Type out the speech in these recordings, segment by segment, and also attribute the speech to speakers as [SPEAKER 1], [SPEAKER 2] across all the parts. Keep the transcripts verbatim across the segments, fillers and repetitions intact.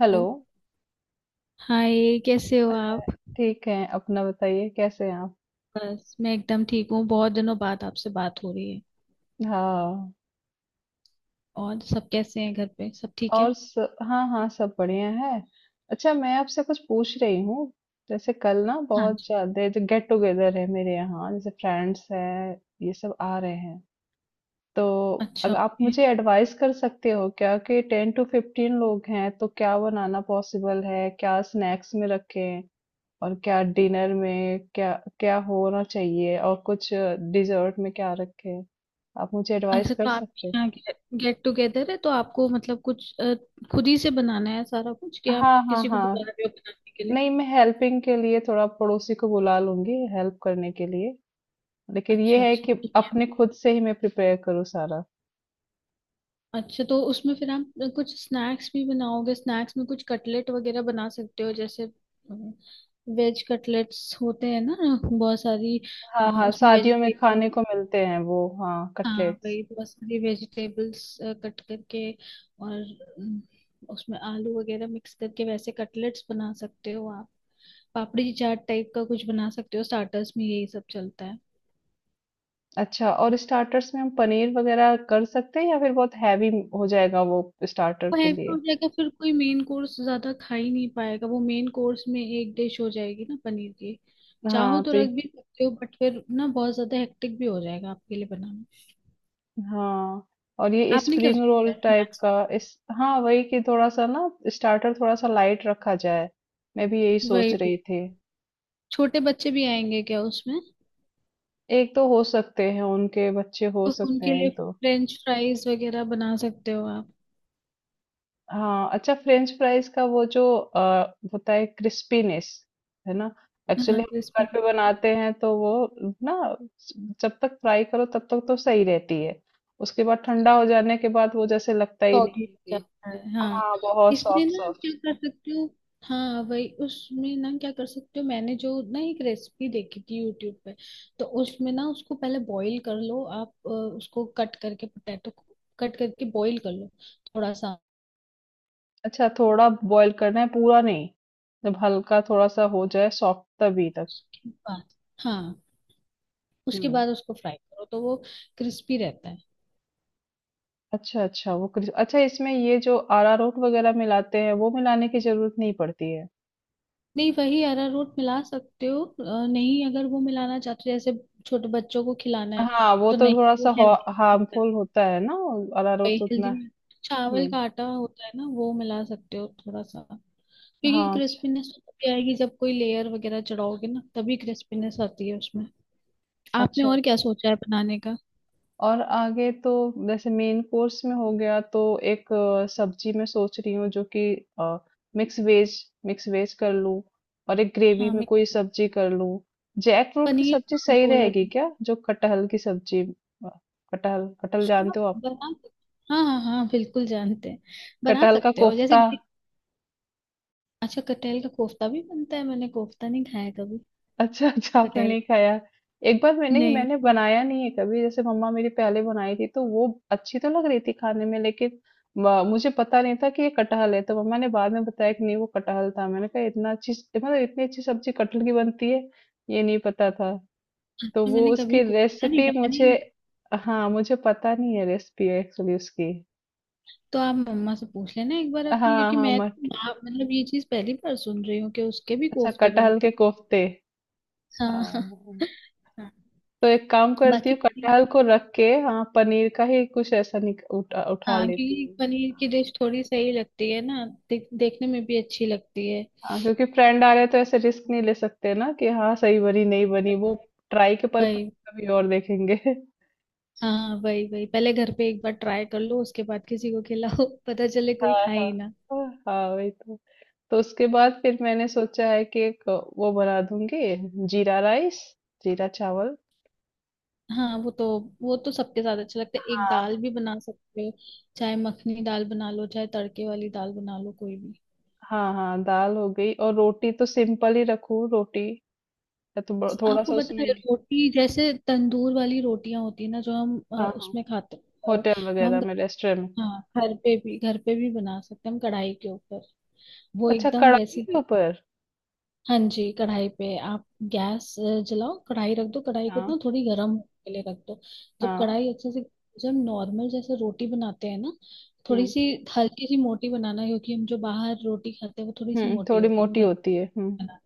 [SPEAKER 1] Hello.
[SPEAKER 2] Hi, कैसे हो आप?
[SPEAKER 1] ठीक है, अपना बताइए, कैसे हैं आप?
[SPEAKER 2] बस मैं एकदम ठीक हूँ। बहुत दिनों बाद आपसे बात हो रही है।
[SPEAKER 1] हाँ।
[SPEAKER 2] और सब कैसे हैं? घर पे सब ठीक है?
[SPEAKER 1] और स, हाँ हाँ, सब बढ़िया है। अच्छा, मैं आपसे कुछ पूछ रही हूँ। जैसे कल ना
[SPEAKER 2] हाँ
[SPEAKER 1] बहुत
[SPEAKER 2] जी।
[SPEAKER 1] ज्यादा जो गेट टुगेदर है मेरे यहाँ, जैसे फ्रेंड्स हैं, ये सब आ रहे हैं। तो
[SPEAKER 2] अच्छा,
[SPEAKER 1] अगर आप
[SPEAKER 2] ओके।
[SPEAKER 1] मुझे एडवाइस कर सकते हो क्या, कि टेन टू फिफ्टीन लोग हैं तो क्या बनाना पॉसिबल है, क्या स्नैक्स में रखें, और क्या डिनर में क्या क्या होना चाहिए, और कुछ डिजर्ट में क्या रखें? आप मुझे एडवाइस
[SPEAKER 2] अच्छा,
[SPEAKER 1] कर
[SPEAKER 2] तो आपके
[SPEAKER 1] सकते हो?
[SPEAKER 2] यहाँ गेट टुगेदर है तो आपको मतलब कुछ अ, खुद ही से बनाना है सारा कुछ, कि आप
[SPEAKER 1] हाँ हाँ
[SPEAKER 2] किसी को
[SPEAKER 1] हाँ।
[SPEAKER 2] बुला रहे हो बनाने के लिए?
[SPEAKER 1] नहीं, मैं हेल्पिंग के लिए थोड़ा पड़ोसी को बुला लूंगी हेल्प करने के लिए, लेकिन ये
[SPEAKER 2] अच्छा
[SPEAKER 1] है
[SPEAKER 2] अच्छा,
[SPEAKER 1] कि
[SPEAKER 2] ठीक है।
[SPEAKER 1] अपने खुद से ही मैं प्रिपेयर करूँ सारा।
[SPEAKER 2] अच्छा, तो उसमें फिर आप अ, कुछ स्नैक्स भी बनाओगे। स्नैक्स में कुछ कटलेट वगैरह बना सकते हो जैसे, वेज कटलेट्स होते हैं ना, बहुत सारी अ,
[SPEAKER 1] हाँ हाँ,
[SPEAKER 2] उसमें
[SPEAKER 1] शादियों में
[SPEAKER 2] वेजिटेबल।
[SPEAKER 1] खाने को मिलते हैं वो, हाँ,
[SPEAKER 2] हाँ
[SPEAKER 1] कटलेट्स।
[SPEAKER 2] वही, बहुत सारी वेजिटेबल्स कट करके, और अम, उसमें आलू वगैरह मिक्स करके वैसे कटलेट्स बना सकते हो आप। पापड़ी चाट टाइप का कुछ बना सकते हो, स्टार्टर्स में यही सब चलता है।
[SPEAKER 1] अच्छा, और स्टार्टर्स में हम पनीर वगैरह कर सकते हैं, या फिर बहुत हैवी हो जाएगा वो स्टार्टर
[SPEAKER 2] वो
[SPEAKER 1] के
[SPEAKER 2] हैवी हो
[SPEAKER 1] लिए?
[SPEAKER 2] जाएगा, फिर कोई मेन कोर्स ज्यादा खा ही नहीं पाएगा। वो मेन कोर्स में एक डिश हो जाएगी ना पनीर की। चाहो
[SPEAKER 1] हाँ,
[SPEAKER 2] तो
[SPEAKER 1] तो ये।
[SPEAKER 2] रख भी सकते हो बट फिर ना बहुत ज्यादा हेक्टिक भी हो जाएगा आपके लिए बनाना।
[SPEAKER 1] हाँ, और ये
[SPEAKER 2] आपने क्या
[SPEAKER 1] स्प्रिंग
[SPEAKER 2] सोचा
[SPEAKER 1] रोल
[SPEAKER 2] है
[SPEAKER 1] टाइप
[SPEAKER 2] स्नैक्स?
[SPEAKER 1] का। इस हाँ, वही कि थोड़ा सा ना स्टार्टर थोड़ा सा लाइट रखा जाए, मैं भी यही सोच
[SPEAKER 2] वही
[SPEAKER 1] रही
[SPEAKER 2] भी,
[SPEAKER 1] थी।
[SPEAKER 2] छोटे बच्चे भी आएंगे क्या उसमें?
[SPEAKER 1] एक तो हो सकते हैं, उनके बच्चे हो
[SPEAKER 2] तो
[SPEAKER 1] सकते
[SPEAKER 2] उनके
[SPEAKER 1] हैं
[SPEAKER 2] लिए
[SPEAKER 1] एक दो।
[SPEAKER 2] फ्रेंच फ्राइज वगैरह बना सकते हो आप।
[SPEAKER 1] हाँ, अच्छा फ्रेंच फ्राइज़ का वो जो अ, होता है क्रिस्पीनेस, है ना?
[SPEAKER 2] हाँ
[SPEAKER 1] एक्चुअली हम घर
[SPEAKER 2] क्रिस्पी,
[SPEAKER 1] पे बनाते हैं तो वो ना, जब तक फ्राई करो तब तक तो सही रहती है। उसके बाद ठंडा हो जाने के बाद वो जैसे लगता ही नहीं
[SPEAKER 2] सॉगी
[SPEAKER 1] है
[SPEAKER 2] हो
[SPEAKER 1] कि।
[SPEAKER 2] जाता है हाँ।
[SPEAKER 1] हाँ, बहुत
[SPEAKER 2] इसमें ना
[SPEAKER 1] सॉफ्ट-सॉफ्ट।
[SPEAKER 2] क्या कर सकते हो, हाँ वही उसमें ना क्या कर सकते हो, मैंने जो ना एक रेसिपी देखी थी यूट्यूब पे। तो उसमें ना उसको पहले बॉईल कर लो आप, अ, उसको कट करके, पोटैटो को कट करके बॉईल कर लो थोड़ा सा।
[SPEAKER 1] अच्छा, थोड़ा बॉयल करना है, पूरा नहीं। जब हल्का थोड़ा-सा हो जाए सॉफ्ट, तभी तक।
[SPEAKER 2] उसके बाद हाँ, उसके
[SPEAKER 1] हुँ।
[SPEAKER 2] बाद उसको फ्राई करो तो वो क्रिस्पी रहता है।
[SPEAKER 1] अच्छा, अच्छा वो क्रिस अच्छा, इसमें ये जो अरारोट वगैरह मिलाते हैं वो मिलाने की जरूरत नहीं पड़ती है।
[SPEAKER 2] नहीं, वही अरारोट मिला सकते हो। अ, नहीं, अगर वो मिलाना चाहते हो, जैसे छोटे बच्चों को खिलाना है
[SPEAKER 1] हाँ, वो
[SPEAKER 2] तो
[SPEAKER 1] तो
[SPEAKER 2] नहीं, वो
[SPEAKER 1] थोड़ा-सा हो।
[SPEAKER 2] हेल्दी।
[SPEAKER 1] हार्मफुल होता है ना, अरारोट
[SPEAKER 2] वही
[SPEAKER 1] तो उतना।
[SPEAKER 2] हेल्दी चावल
[SPEAKER 1] हुँ।
[SPEAKER 2] का आटा होता है ना, वो मिला सकते हो थोड़ा सा। क्योंकि
[SPEAKER 1] हाँ, अच्छ
[SPEAKER 2] क्रिस्पीनेस तभी आएगी जब कोई लेयर वगैरह चढ़ाओगे ना, तभी क्रिस्पीनेस आती है उसमें। आपने
[SPEAKER 1] अच्छा,
[SPEAKER 2] और क्या
[SPEAKER 1] अच्छा।
[SPEAKER 2] सोचा है बनाने का?
[SPEAKER 1] और आगे तो जैसे मेन कोर्स में हो गया तो एक अ, सब्जी मैं सोच रही हूँ, जो कि अ, मिक्स वेज मिक्स वेज कर लूँ, और एक ग्रेवी
[SPEAKER 2] हाँ,
[SPEAKER 1] में
[SPEAKER 2] मैं
[SPEAKER 1] कोई सब्जी कर लूँ। जैकफ्रूट की
[SPEAKER 2] पनीर
[SPEAKER 1] सब्जी
[SPEAKER 2] का
[SPEAKER 1] सही
[SPEAKER 2] बोल रहा
[SPEAKER 1] रहेगी
[SPEAKER 2] था।
[SPEAKER 1] क्या? जो कटहल की सब्जी। अ, कटहल कटहल
[SPEAKER 2] हाँ
[SPEAKER 1] जानते हो आप?
[SPEAKER 2] बना सकते, हाँ हाँ हाँ बिल्कुल जानते हैं। बना
[SPEAKER 1] कटहल का
[SPEAKER 2] सकते हो जैसे।
[SPEAKER 1] कोफ्ता।
[SPEAKER 2] अच्छा, कटहल का कोफ्ता भी बनता है? मैंने कोफ्ता नहीं खाया कभी,
[SPEAKER 1] अच्छा, अच्छा आपने
[SPEAKER 2] कटहल।
[SPEAKER 1] नहीं खाया। एक बार मैंने ही
[SPEAKER 2] नहीं।
[SPEAKER 1] मैंने बनाया नहीं है कभी, जैसे मम्मा मेरी पहले बनाई थी तो वो अच्छी तो लग रही थी खाने में, लेकिन म- मुझे पता नहीं था कि ये कटहल है, तो मम्मा ने बाद में बताया कि नहीं वो कटहल था। मैंने कहा इतना अच्छी, मतलब इतनी अच्छी सब्जी कटहल की बनती है, ये नहीं पता था। तो
[SPEAKER 2] अच्छा,
[SPEAKER 1] वो
[SPEAKER 2] मैंने कभी
[SPEAKER 1] उसकी
[SPEAKER 2] कोशिश नहीं
[SPEAKER 1] रेसिपी
[SPEAKER 2] किया मैंने।
[SPEAKER 1] मुझे। हाँ, मुझे पता नहीं है रेसिपी एक्चुअली उसकी।
[SPEAKER 2] तो आप मम्मा से पूछ लेना एक बार अपनी,
[SPEAKER 1] हाँ
[SPEAKER 2] क्योंकि
[SPEAKER 1] हाँ।
[SPEAKER 2] मैं तो
[SPEAKER 1] मट
[SPEAKER 2] ना मतलब ये चीज पहली बार सुन रही हूँ कि उसके भी
[SPEAKER 1] अच्छा,
[SPEAKER 2] कोफ्ते
[SPEAKER 1] कटहल
[SPEAKER 2] बनते
[SPEAKER 1] के
[SPEAKER 2] हैं।
[SPEAKER 1] कोफ्ते।
[SPEAKER 2] हाँ
[SPEAKER 1] हाँ।
[SPEAKER 2] हाँ।
[SPEAKER 1] तो एक काम करती
[SPEAKER 2] बाकी
[SPEAKER 1] हूँ,
[SPEAKER 2] पनीर-
[SPEAKER 1] कटहल को रख के, हाँ, पनीर का ही कुछ ऐसा निक, उठा, उठा
[SPEAKER 2] हाँ
[SPEAKER 1] लेती
[SPEAKER 2] क्योंकि
[SPEAKER 1] हूँ।
[SPEAKER 2] पनीर की डिश थोड़ी सही लगती है ना, देख, देखने में भी अच्छी लगती है।
[SPEAKER 1] हाँ, क्योंकि फ्रेंड आ रहे हैं तो ऐसे रिस्क नहीं ले सकते ना, कि हाँ सही बनी नहीं बनी, वो ट्राई के पर्पज
[SPEAKER 2] वही।
[SPEAKER 1] कभी और देखेंगे।
[SPEAKER 2] हाँ वही वही, पहले घर पे एक बार ट्राई कर लो, उसके बाद किसी को खिलाओ, पता चले कोई
[SPEAKER 1] हाँ
[SPEAKER 2] खाए
[SPEAKER 1] हाँ
[SPEAKER 2] ही ना।
[SPEAKER 1] हाँ। हाँ, वही तो। तो उसके बाद फिर मैंने सोचा है कि एक वो बना दूंगी, जीरा राइस, जीरा चावल।
[SPEAKER 2] हाँ वो तो, वो तो सबके साथ अच्छा लगता है। एक दाल
[SPEAKER 1] हाँ
[SPEAKER 2] भी बना सकते हो, चाहे मखनी दाल बना लो चाहे तड़के वाली दाल बना लो, कोई भी।
[SPEAKER 1] हाँ हाँ, दाल हो गई, और रोटी तो सिंपल ही रखूं, रोटी या तो ब- थोड़ा
[SPEAKER 2] आपको
[SPEAKER 1] सा
[SPEAKER 2] पता है
[SPEAKER 1] उसमें।
[SPEAKER 2] रोटी, जैसे तंदूर वाली रोटियां होती है ना जो हम अ,
[SPEAKER 1] हाँ हाँ,
[SPEAKER 2] उसमें खाते हैं, अ,
[SPEAKER 1] होटल
[SPEAKER 2] वो
[SPEAKER 1] वगैरह
[SPEAKER 2] हम,
[SPEAKER 1] में, रेस्टोरेंट में।
[SPEAKER 2] हाँ घर पे भी, घर पे भी बना सकते हैं हम कढ़ाई के ऊपर। वो
[SPEAKER 1] अच्छा,
[SPEAKER 2] एकदम
[SPEAKER 1] कढ़ाई
[SPEAKER 2] वैसी।
[SPEAKER 1] के ऊपर।
[SPEAKER 2] हाँ जी, कढ़ाई पे आप गैस अ, जलाओ, कढ़ाई रख दो, कढ़ाई को
[SPEAKER 1] हाँ
[SPEAKER 2] ना थोड़ी गर्म होने के लिए रख दो। जब
[SPEAKER 1] हाँ,
[SPEAKER 2] कढ़ाई अच्छे से, जब नॉर्मल जैसे रोटी बनाते हैं ना, थोड़ी
[SPEAKER 1] हम्म,
[SPEAKER 2] सी हल्की सी मोटी बनाना, क्योंकि हम जो बाहर रोटी खाते हैं वो थोड़ी सी
[SPEAKER 1] हम्म
[SPEAKER 2] मोटी
[SPEAKER 1] थोड़ी
[SPEAKER 2] होती है। हम
[SPEAKER 1] मोटी
[SPEAKER 2] घर
[SPEAKER 1] होती है, हम्म।
[SPEAKER 2] बना,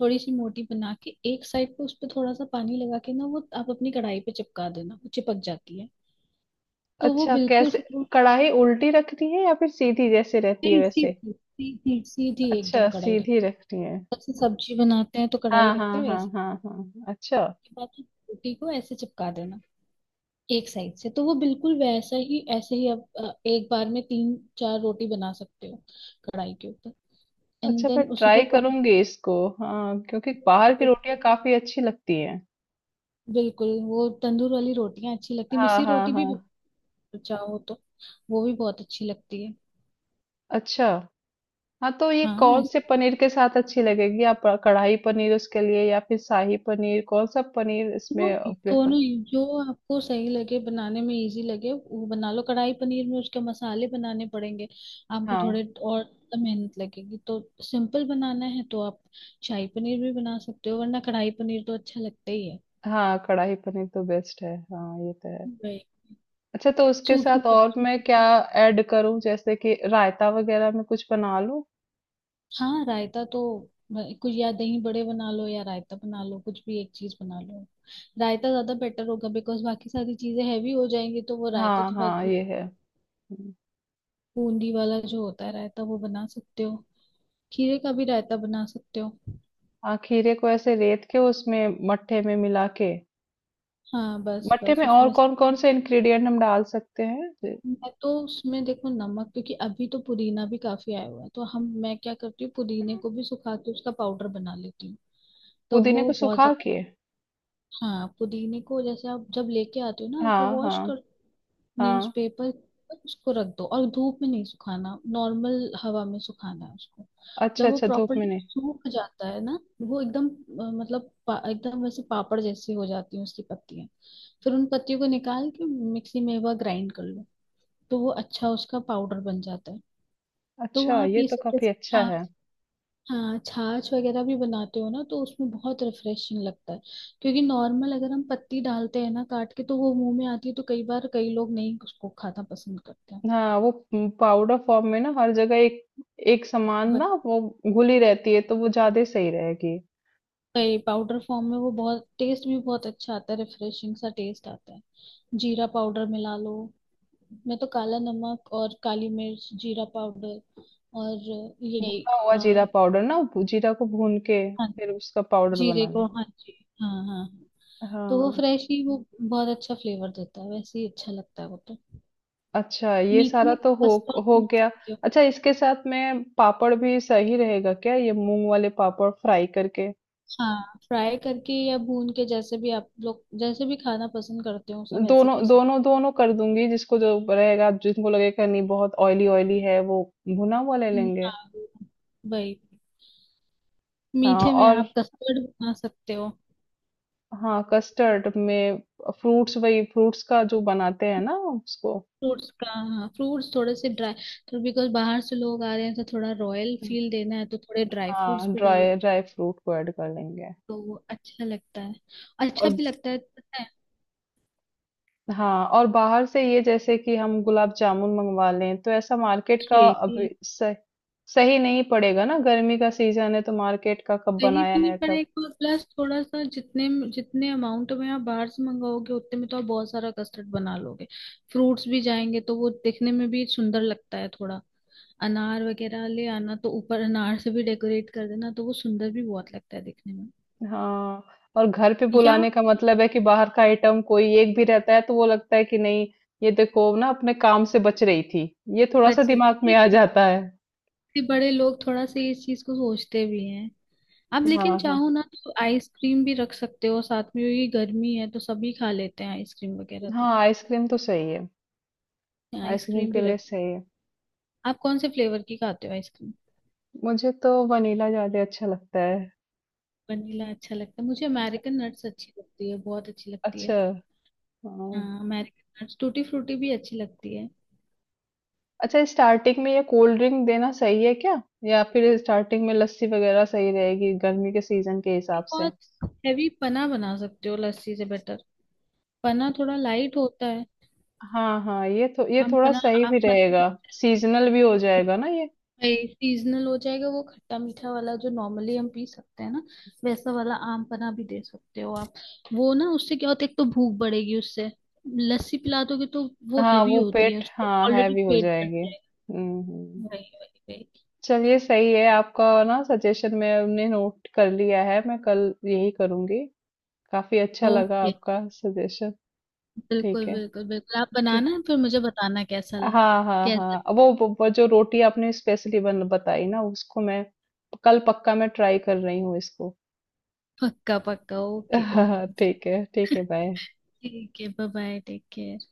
[SPEAKER 2] थोड़ी सी मोटी बना के एक साइड पे उस पे थोड़ा सा पानी लगा के ना, वो आप अपनी कढ़ाई पे चिपका देना, वो चिपक जाती है। तो वो
[SPEAKER 1] अच्छा
[SPEAKER 2] बिल्कुल
[SPEAKER 1] कैसे,
[SPEAKER 2] फिर वो
[SPEAKER 1] कढ़ाई उल्टी रखती है या फिर सीधी जैसे रहती है
[SPEAKER 2] सीधी
[SPEAKER 1] वैसे?
[SPEAKER 2] सीधी सीधी सीधी एकदम
[SPEAKER 1] अच्छा
[SPEAKER 2] कढ़ाई रख।
[SPEAKER 1] सीधी रखती है।
[SPEAKER 2] जैसे सब्जी बनाते हैं तो कढ़ाई
[SPEAKER 1] हाँ
[SPEAKER 2] रखते
[SPEAKER 1] हाँ
[SPEAKER 2] हैं
[SPEAKER 1] हाँ
[SPEAKER 2] वैसे,
[SPEAKER 1] हाँ हाँ, अच्छा।
[SPEAKER 2] बाकी रोटी को ऐसे चिपका देना एक साइड से, तो वो बिल्कुल वैसा ही। ऐसे ही आप अ, एक बार में तीन चार रोटी बना सकते हो कढ़ाई के ऊपर। एंड
[SPEAKER 1] अच्छा, मैं
[SPEAKER 2] देन उसी को
[SPEAKER 1] ट्राई
[SPEAKER 2] वही,
[SPEAKER 1] करूंगी इसको। हाँ, क्योंकि बाहर की रोटियां काफी अच्छी लगती हैं।
[SPEAKER 2] बिल्कुल वो तंदूर वाली रोटियां अच्छी लगती है।
[SPEAKER 1] हाँ
[SPEAKER 2] मिस्सी
[SPEAKER 1] हाँ
[SPEAKER 2] रोटी
[SPEAKER 1] हाँ,
[SPEAKER 2] भी चाहो तो, वो भी बहुत अच्छी लगती है।
[SPEAKER 1] अच्छा। हाँ, तो ये
[SPEAKER 2] हाँ
[SPEAKER 1] कौन से
[SPEAKER 2] मिस्सी,
[SPEAKER 1] पनीर के साथ अच्छी लगेगी, आप कढ़ाई पनीर उसके लिए, या फिर शाही पनीर, कौन सा पनीर
[SPEAKER 2] दोनों
[SPEAKER 1] इसमें प्रेफर?
[SPEAKER 2] दोनों ही, जो आपको सही लगे, बनाने में इजी लगे, वो बना लो। कढ़ाई पनीर में उसके मसाले बनाने पड़ेंगे आपको
[SPEAKER 1] हाँ
[SPEAKER 2] थोड़े और, मेहनत लगेगी तो। सिंपल बनाना है तो आप शाही पनीर भी बना सकते हो, वरना कढ़ाई पनीर तो अच्छा लगता ही है।
[SPEAKER 1] हाँ, कढ़ाई पनीर तो बेस्ट है, हाँ ये तो है।
[SPEAKER 2] वही।
[SPEAKER 1] अच्छा, तो उसके
[SPEAKER 2] सूखी
[SPEAKER 1] साथ और
[SPEAKER 2] सब्जी
[SPEAKER 1] मैं
[SPEAKER 2] भी
[SPEAKER 1] क्या
[SPEAKER 2] तो-
[SPEAKER 1] ऐड करूं, जैसे कि रायता वगैरह में कुछ बना लूं?
[SPEAKER 2] हाँ रायता तो, ब- कुछ या दही बड़े बना लो या रायता बना लो, कुछ भी एक चीज बना लो। रायता ज्यादा बेटर होगा बिकॉज बाकी सारी चीजें हैवी हो जाएंगी, तो वो रायता
[SPEAKER 1] हाँ
[SPEAKER 2] थोड़ा।
[SPEAKER 1] हाँ, ये है। हम्म।
[SPEAKER 2] बूंदी वाला जो होता है रायता, वो बना सकते हो, खीरे का भी रायता बना सकते हो।
[SPEAKER 1] हाँ, खीरे को ऐसे रेत के उसमें मट्ठे में मिला के,
[SPEAKER 2] हाँ बस
[SPEAKER 1] मट्ठे
[SPEAKER 2] बस
[SPEAKER 1] में और
[SPEAKER 2] उसमें,
[SPEAKER 1] कौन कौन से इंग्रेडिएंट हम डाल सकते हैं? जे-
[SPEAKER 2] मैं तो उसमें देखो नमक, क्योंकि अभी तो पुदीना भी काफी आया हुआ है तो हम, मैं क्या करती हूँ पुदीने को भी सुखा के उसका पाउडर बना लेती हूँ। तो
[SPEAKER 1] पुदीने
[SPEAKER 2] वो
[SPEAKER 1] को
[SPEAKER 2] बहुत
[SPEAKER 1] सुखा
[SPEAKER 2] ज्यादा,
[SPEAKER 1] के?
[SPEAKER 2] हाँ पुदीने को जैसे आप जब लेके आते हो ना हल्का
[SPEAKER 1] हाँ
[SPEAKER 2] वॉश
[SPEAKER 1] हाँ
[SPEAKER 2] कर,
[SPEAKER 1] हाँ,
[SPEAKER 2] न्यूज़पेपर पर उसको रख दो, और धूप में नहीं सुखाना, नॉर्मल हवा में सुखाना है उसको।
[SPEAKER 1] अच्छा,
[SPEAKER 2] जब वो
[SPEAKER 1] अच्छा धूप में
[SPEAKER 2] प्रॉपरली
[SPEAKER 1] नहीं।
[SPEAKER 2] सूख जाता है ना, वो एकदम अ, मतलब पा- एकदम वैसे पापड़ जैसी हो जाती है उसकी पत्तियां। फिर उन पत्तियों को निकाल के मिक्सी में एक बार ग्राइंड कर लो, तो वो अच्छा उसका पाउडर बन जाता है। तो वो
[SPEAKER 1] अच्छा,
[SPEAKER 2] आप
[SPEAKER 1] ये
[SPEAKER 2] ये
[SPEAKER 1] तो
[SPEAKER 2] सब
[SPEAKER 1] काफी
[SPEAKER 2] जैसे
[SPEAKER 1] अच्छा है।
[SPEAKER 2] छाछ, हाँ छाछ वगैरह भी बनाते हो ना, तो उसमें बहुत रिफ्रेशिंग लगता है। क्योंकि नॉर्मल अगर हम पत्ती डालते हैं ना काट के तो वो मुंह में आती है, तो कई बार कई लोग नहीं उसको खाना पसंद करते हैं।
[SPEAKER 1] हाँ, वो पाउडर फॉर्म में ना, हर जगह एक एक समान
[SPEAKER 2] बट
[SPEAKER 1] ना वो घुली रहती है, तो वो ज्यादा सही रहेगी।
[SPEAKER 2] कई पाउडर फॉर्म में वो बहुत टेस्ट भी बहुत अच्छा आता है, रिफ्रेशिंग सा टेस्ट आता है। जीरा पाउडर मिला लो, मैं तो काला नमक और काली मिर्च जीरा पाउडर, और ये
[SPEAKER 1] भुना हुआ जीरा
[SPEAKER 2] अ,
[SPEAKER 1] पाउडर ना, भू- जीरा को भून के
[SPEAKER 2] हाँ
[SPEAKER 1] फिर उसका पाउडर
[SPEAKER 2] जीरे को,
[SPEAKER 1] बनाना।
[SPEAKER 2] हाँ जी, हाँ हाँ। तो वो
[SPEAKER 1] हाँ।
[SPEAKER 2] फ्रेश ही वो बहुत अच्छा फ्लेवर देता है, वैसे ही अच्छा लगता है वो तो।
[SPEAKER 1] अच्छा, ये
[SPEAKER 2] मीट
[SPEAKER 1] सारा
[SPEAKER 2] में
[SPEAKER 1] तो हो
[SPEAKER 2] कस्टर्ड
[SPEAKER 1] हो
[SPEAKER 2] बना
[SPEAKER 1] गया।
[SPEAKER 2] सकते हो।
[SPEAKER 1] अच्छा, इसके साथ में पापड़ भी सही रहेगा क्या, ये मूंग वाले पापड़ फ्राई करके?
[SPEAKER 2] हाँ फ्राई करके या भून के, जैसे भी आप लोग जैसे भी खाना पसंद करते हो, सब वैसे कर
[SPEAKER 1] दोनों
[SPEAKER 2] सकते
[SPEAKER 1] दोनों दोनों कर दूंगी, जिसको जो रहेगा, जिनको लगेगा नहीं बहुत ऑयली ऑयली है, वो भुना हुआ ले
[SPEAKER 2] हो।
[SPEAKER 1] लेंगे।
[SPEAKER 2] हाँ वही,
[SPEAKER 1] हाँ,
[SPEAKER 2] मीठे में
[SPEAKER 1] और
[SPEAKER 2] आप कस्टर्ड बना सकते हो।
[SPEAKER 1] हाँ, कस्टर्ड में फ्रूट्स, वही फ्रूट्स का जो बनाते हैं ना उसको।
[SPEAKER 2] फ्रूट्स का, हाँ फ्रूट्स थोड़े से ड्राई, तो बिकॉज बाहर से लोग आ रहे हैं तो थोड़ा रॉयल
[SPEAKER 1] हम्म,
[SPEAKER 2] फील देना है, तो थोड़े ड्राई
[SPEAKER 1] हाँ,
[SPEAKER 2] फ्रूट्स भी डाल,
[SPEAKER 1] ड्राई ड्राई फ्रूट को ऐड कर लेंगे।
[SPEAKER 2] तो वो अच्छा लगता है, अच्छा
[SPEAKER 1] और
[SPEAKER 2] भी लगता है पता है।
[SPEAKER 1] हाँ, और बाहर से ये, जैसे कि हम गुलाब जामुन मंगवा लें, तो ऐसा मार्केट का
[SPEAKER 2] ये
[SPEAKER 1] अभी
[SPEAKER 2] भी,
[SPEAKER 1] सही सही नहीं पड़ेगा ना, गर्मी का सीजन है तो मार्केट का कब
[SPEAKER 2] सही
[SPEAKER 1] बनाया
[SPEAKER 2] भी नहीं
[SPEAKER 1] है कब।
[SPEAKER 2] पड़ेगा, प्लस थोड़ा सा, जितने जितने अमाउंट में आप बाहर से मंगाओगे उतने में तो आप बहुत सारा कस्टर्ड बना लोगे। फ्रूट्स भी जाएंगे तो वो दिखने में भी सुंदर लगता है थोड़ा, अनार वगैरह ले आना, तो ऊपर अनार से भी डेकोरेट कर देना, तो वो सुंदर भी बहुत लगता है दिखने में।
[SPEAKER 1] हाँ, और घर पे
[SPEAKER 2] या
[SPEAKER 1] बुलाने का मतलब है कि बाहर का आइटम कोई एक भी रहता है तो वो लगता है कि नहीं, ये देखो ना अपने काम से बच रही थी, ये थोड़ा सा
[SPEAKER 2] बच्चे,
[SPEAKER 1] दिमाग
[SPEAKER 2] ये
[SPEAKER 1] में आ
[SPEAKER 2] इतने
[SPEAKER 1] जाता है।
[SPEAKER 2] बड़े लोग थोड़ा सा इस चीज को सोचते भी हैं। आप
[SPEAKER 1] हाँ
[SPEAKER 2] लेकिन
[SPEAKER 1] हाँ
[SPEAKER 2] चाहो ना तो आइसक्रीम भी रख सकते हो साथ में, ये गर्मी है तो सभी खा लेते हैं आइसक्रीम वगैरह, तो
[SPEAKER 1] हाँ, आइसक्रीम तो सही है, आइसक्रीम
[SPEAKER 2] आइसक्रीम
[SPEAKER 1] के
[SPEAKER 2] भी
[SPEAKER 1] लिए
[SPEAKER 2] रख।
[SPEAKER 1] सही है।
[SPEAKER 2] आप कौन से फ्लेवर की खाते हो आइसक्रीम?
[SPEAKER 1] मुझे तो वनीला ज्यादा अच्छा लगता है।
[SPEAKER 2] वनीला अच्छा लगता है, मुझे अमेरिकन नट्स अच्छी लगती है, बहुत अच्छी लगती
[SPEAKER 1] अच्छा।
[SPEAKER 2] है।
[SPEAKER 1] हाँ।
[SPEAKER 2] हाँ अमेरिकन नट्स, टूटी फ्रूटी भी अच्छी लगती है।
[SPEAKER 1] अच्छा, स्टार्टिंग में ये कोल्ड ड्रिंक देना सही है क्या, या फिर स्टार्टिंग में लस्सी वगैरह सही रहेगी गर्मी के सीजन के हिसाब
[SPEAKER 2] एक
[SPEAKER 1] से?
[SPEAKER 2] बहुत हैवी पना बना सकते हो लस्सी से बेटर, पना थोड़ा लाइट होता है।
[SPEAKER 1] हाँ हाँ, ये तो ये
[SPEAKER 2] हम
[SPEAKER 1] थोड़ा
[SPEAKER 2] पना,
[SPEAKER 1] सही भी
[SPEAKER 2] आप पना
[SPEAKER 1] रहेगा। सीजनल भी हो जाएगा ना ये।
[SPEAKER 2] सीजनल हो जाएगा। वो खट्टा मीठा वाला जो नॉर्मली हम पी सकते हैं ना, वैसा वाला आम पना भी दे सकते हो आप। वो ना उससे क्या होता है, एक तो भूख बढ़ेगी उससे, लस्सी पिला दोगे तो वो
[SPEAKER 1] हाँ,
[SPEAKER 2] हैवी
[SPEAKER 1] वो
[SPEAKER 2] होती है,
[SPEAKER 1] पेट,
[SPEAKER 2] उसको
[SPEAKER 1] हाँ,
[SPEAKER 2] ऑलरेडी
[SPEAKER 1] हैवी हो
[SPEAKER 2] पेट भर
[SPEAKER 1] जाएगी।
[SPEAKER 2] जाएगा।
[SPEAKER 1] हम्म हम्म।
[SPEAKER 2] वही वही वही।
[SPEAKER 1] चलिए, सही है आपका ना सजेशन, मैं हमने नोट कर लिया है, मैं कल यही करूंगी। काफी अच्छा लगा
[SPEAKER 2] ओके।
[SPEAKER 1] आपका सजेशन।
[SPEAKER 2] बिल्कुल
[SPEAKER 1] ठीक है।
[SPEAKER 2] बिल्कुल बिल्कुल, आप
[SPEAKER 1] ठीक।
[SPEAKER 2] बनाना फिर मुझे बताना कैसा लगा।
[SPEAKER 1] हाँ हाँ
[SPEAKER 2] कैसा?
[SPEAKER 1] हाँ, वो, वो वो जो रोटी आपने स्पेशली बन बताई ना, उसको मैं कल पक्का, मैं ट्राई कर रही हूँ इसको।
[SPEAKER 2] पक्का पक्का, ओके ओके
[SPEAKER 1] ठीक
[SPEAKER 2] ओके।
[SPEAKER 1] है ठीक है, बाय।
[SPEAKER 2] ठीक है, बाय बाय, टेक केयर।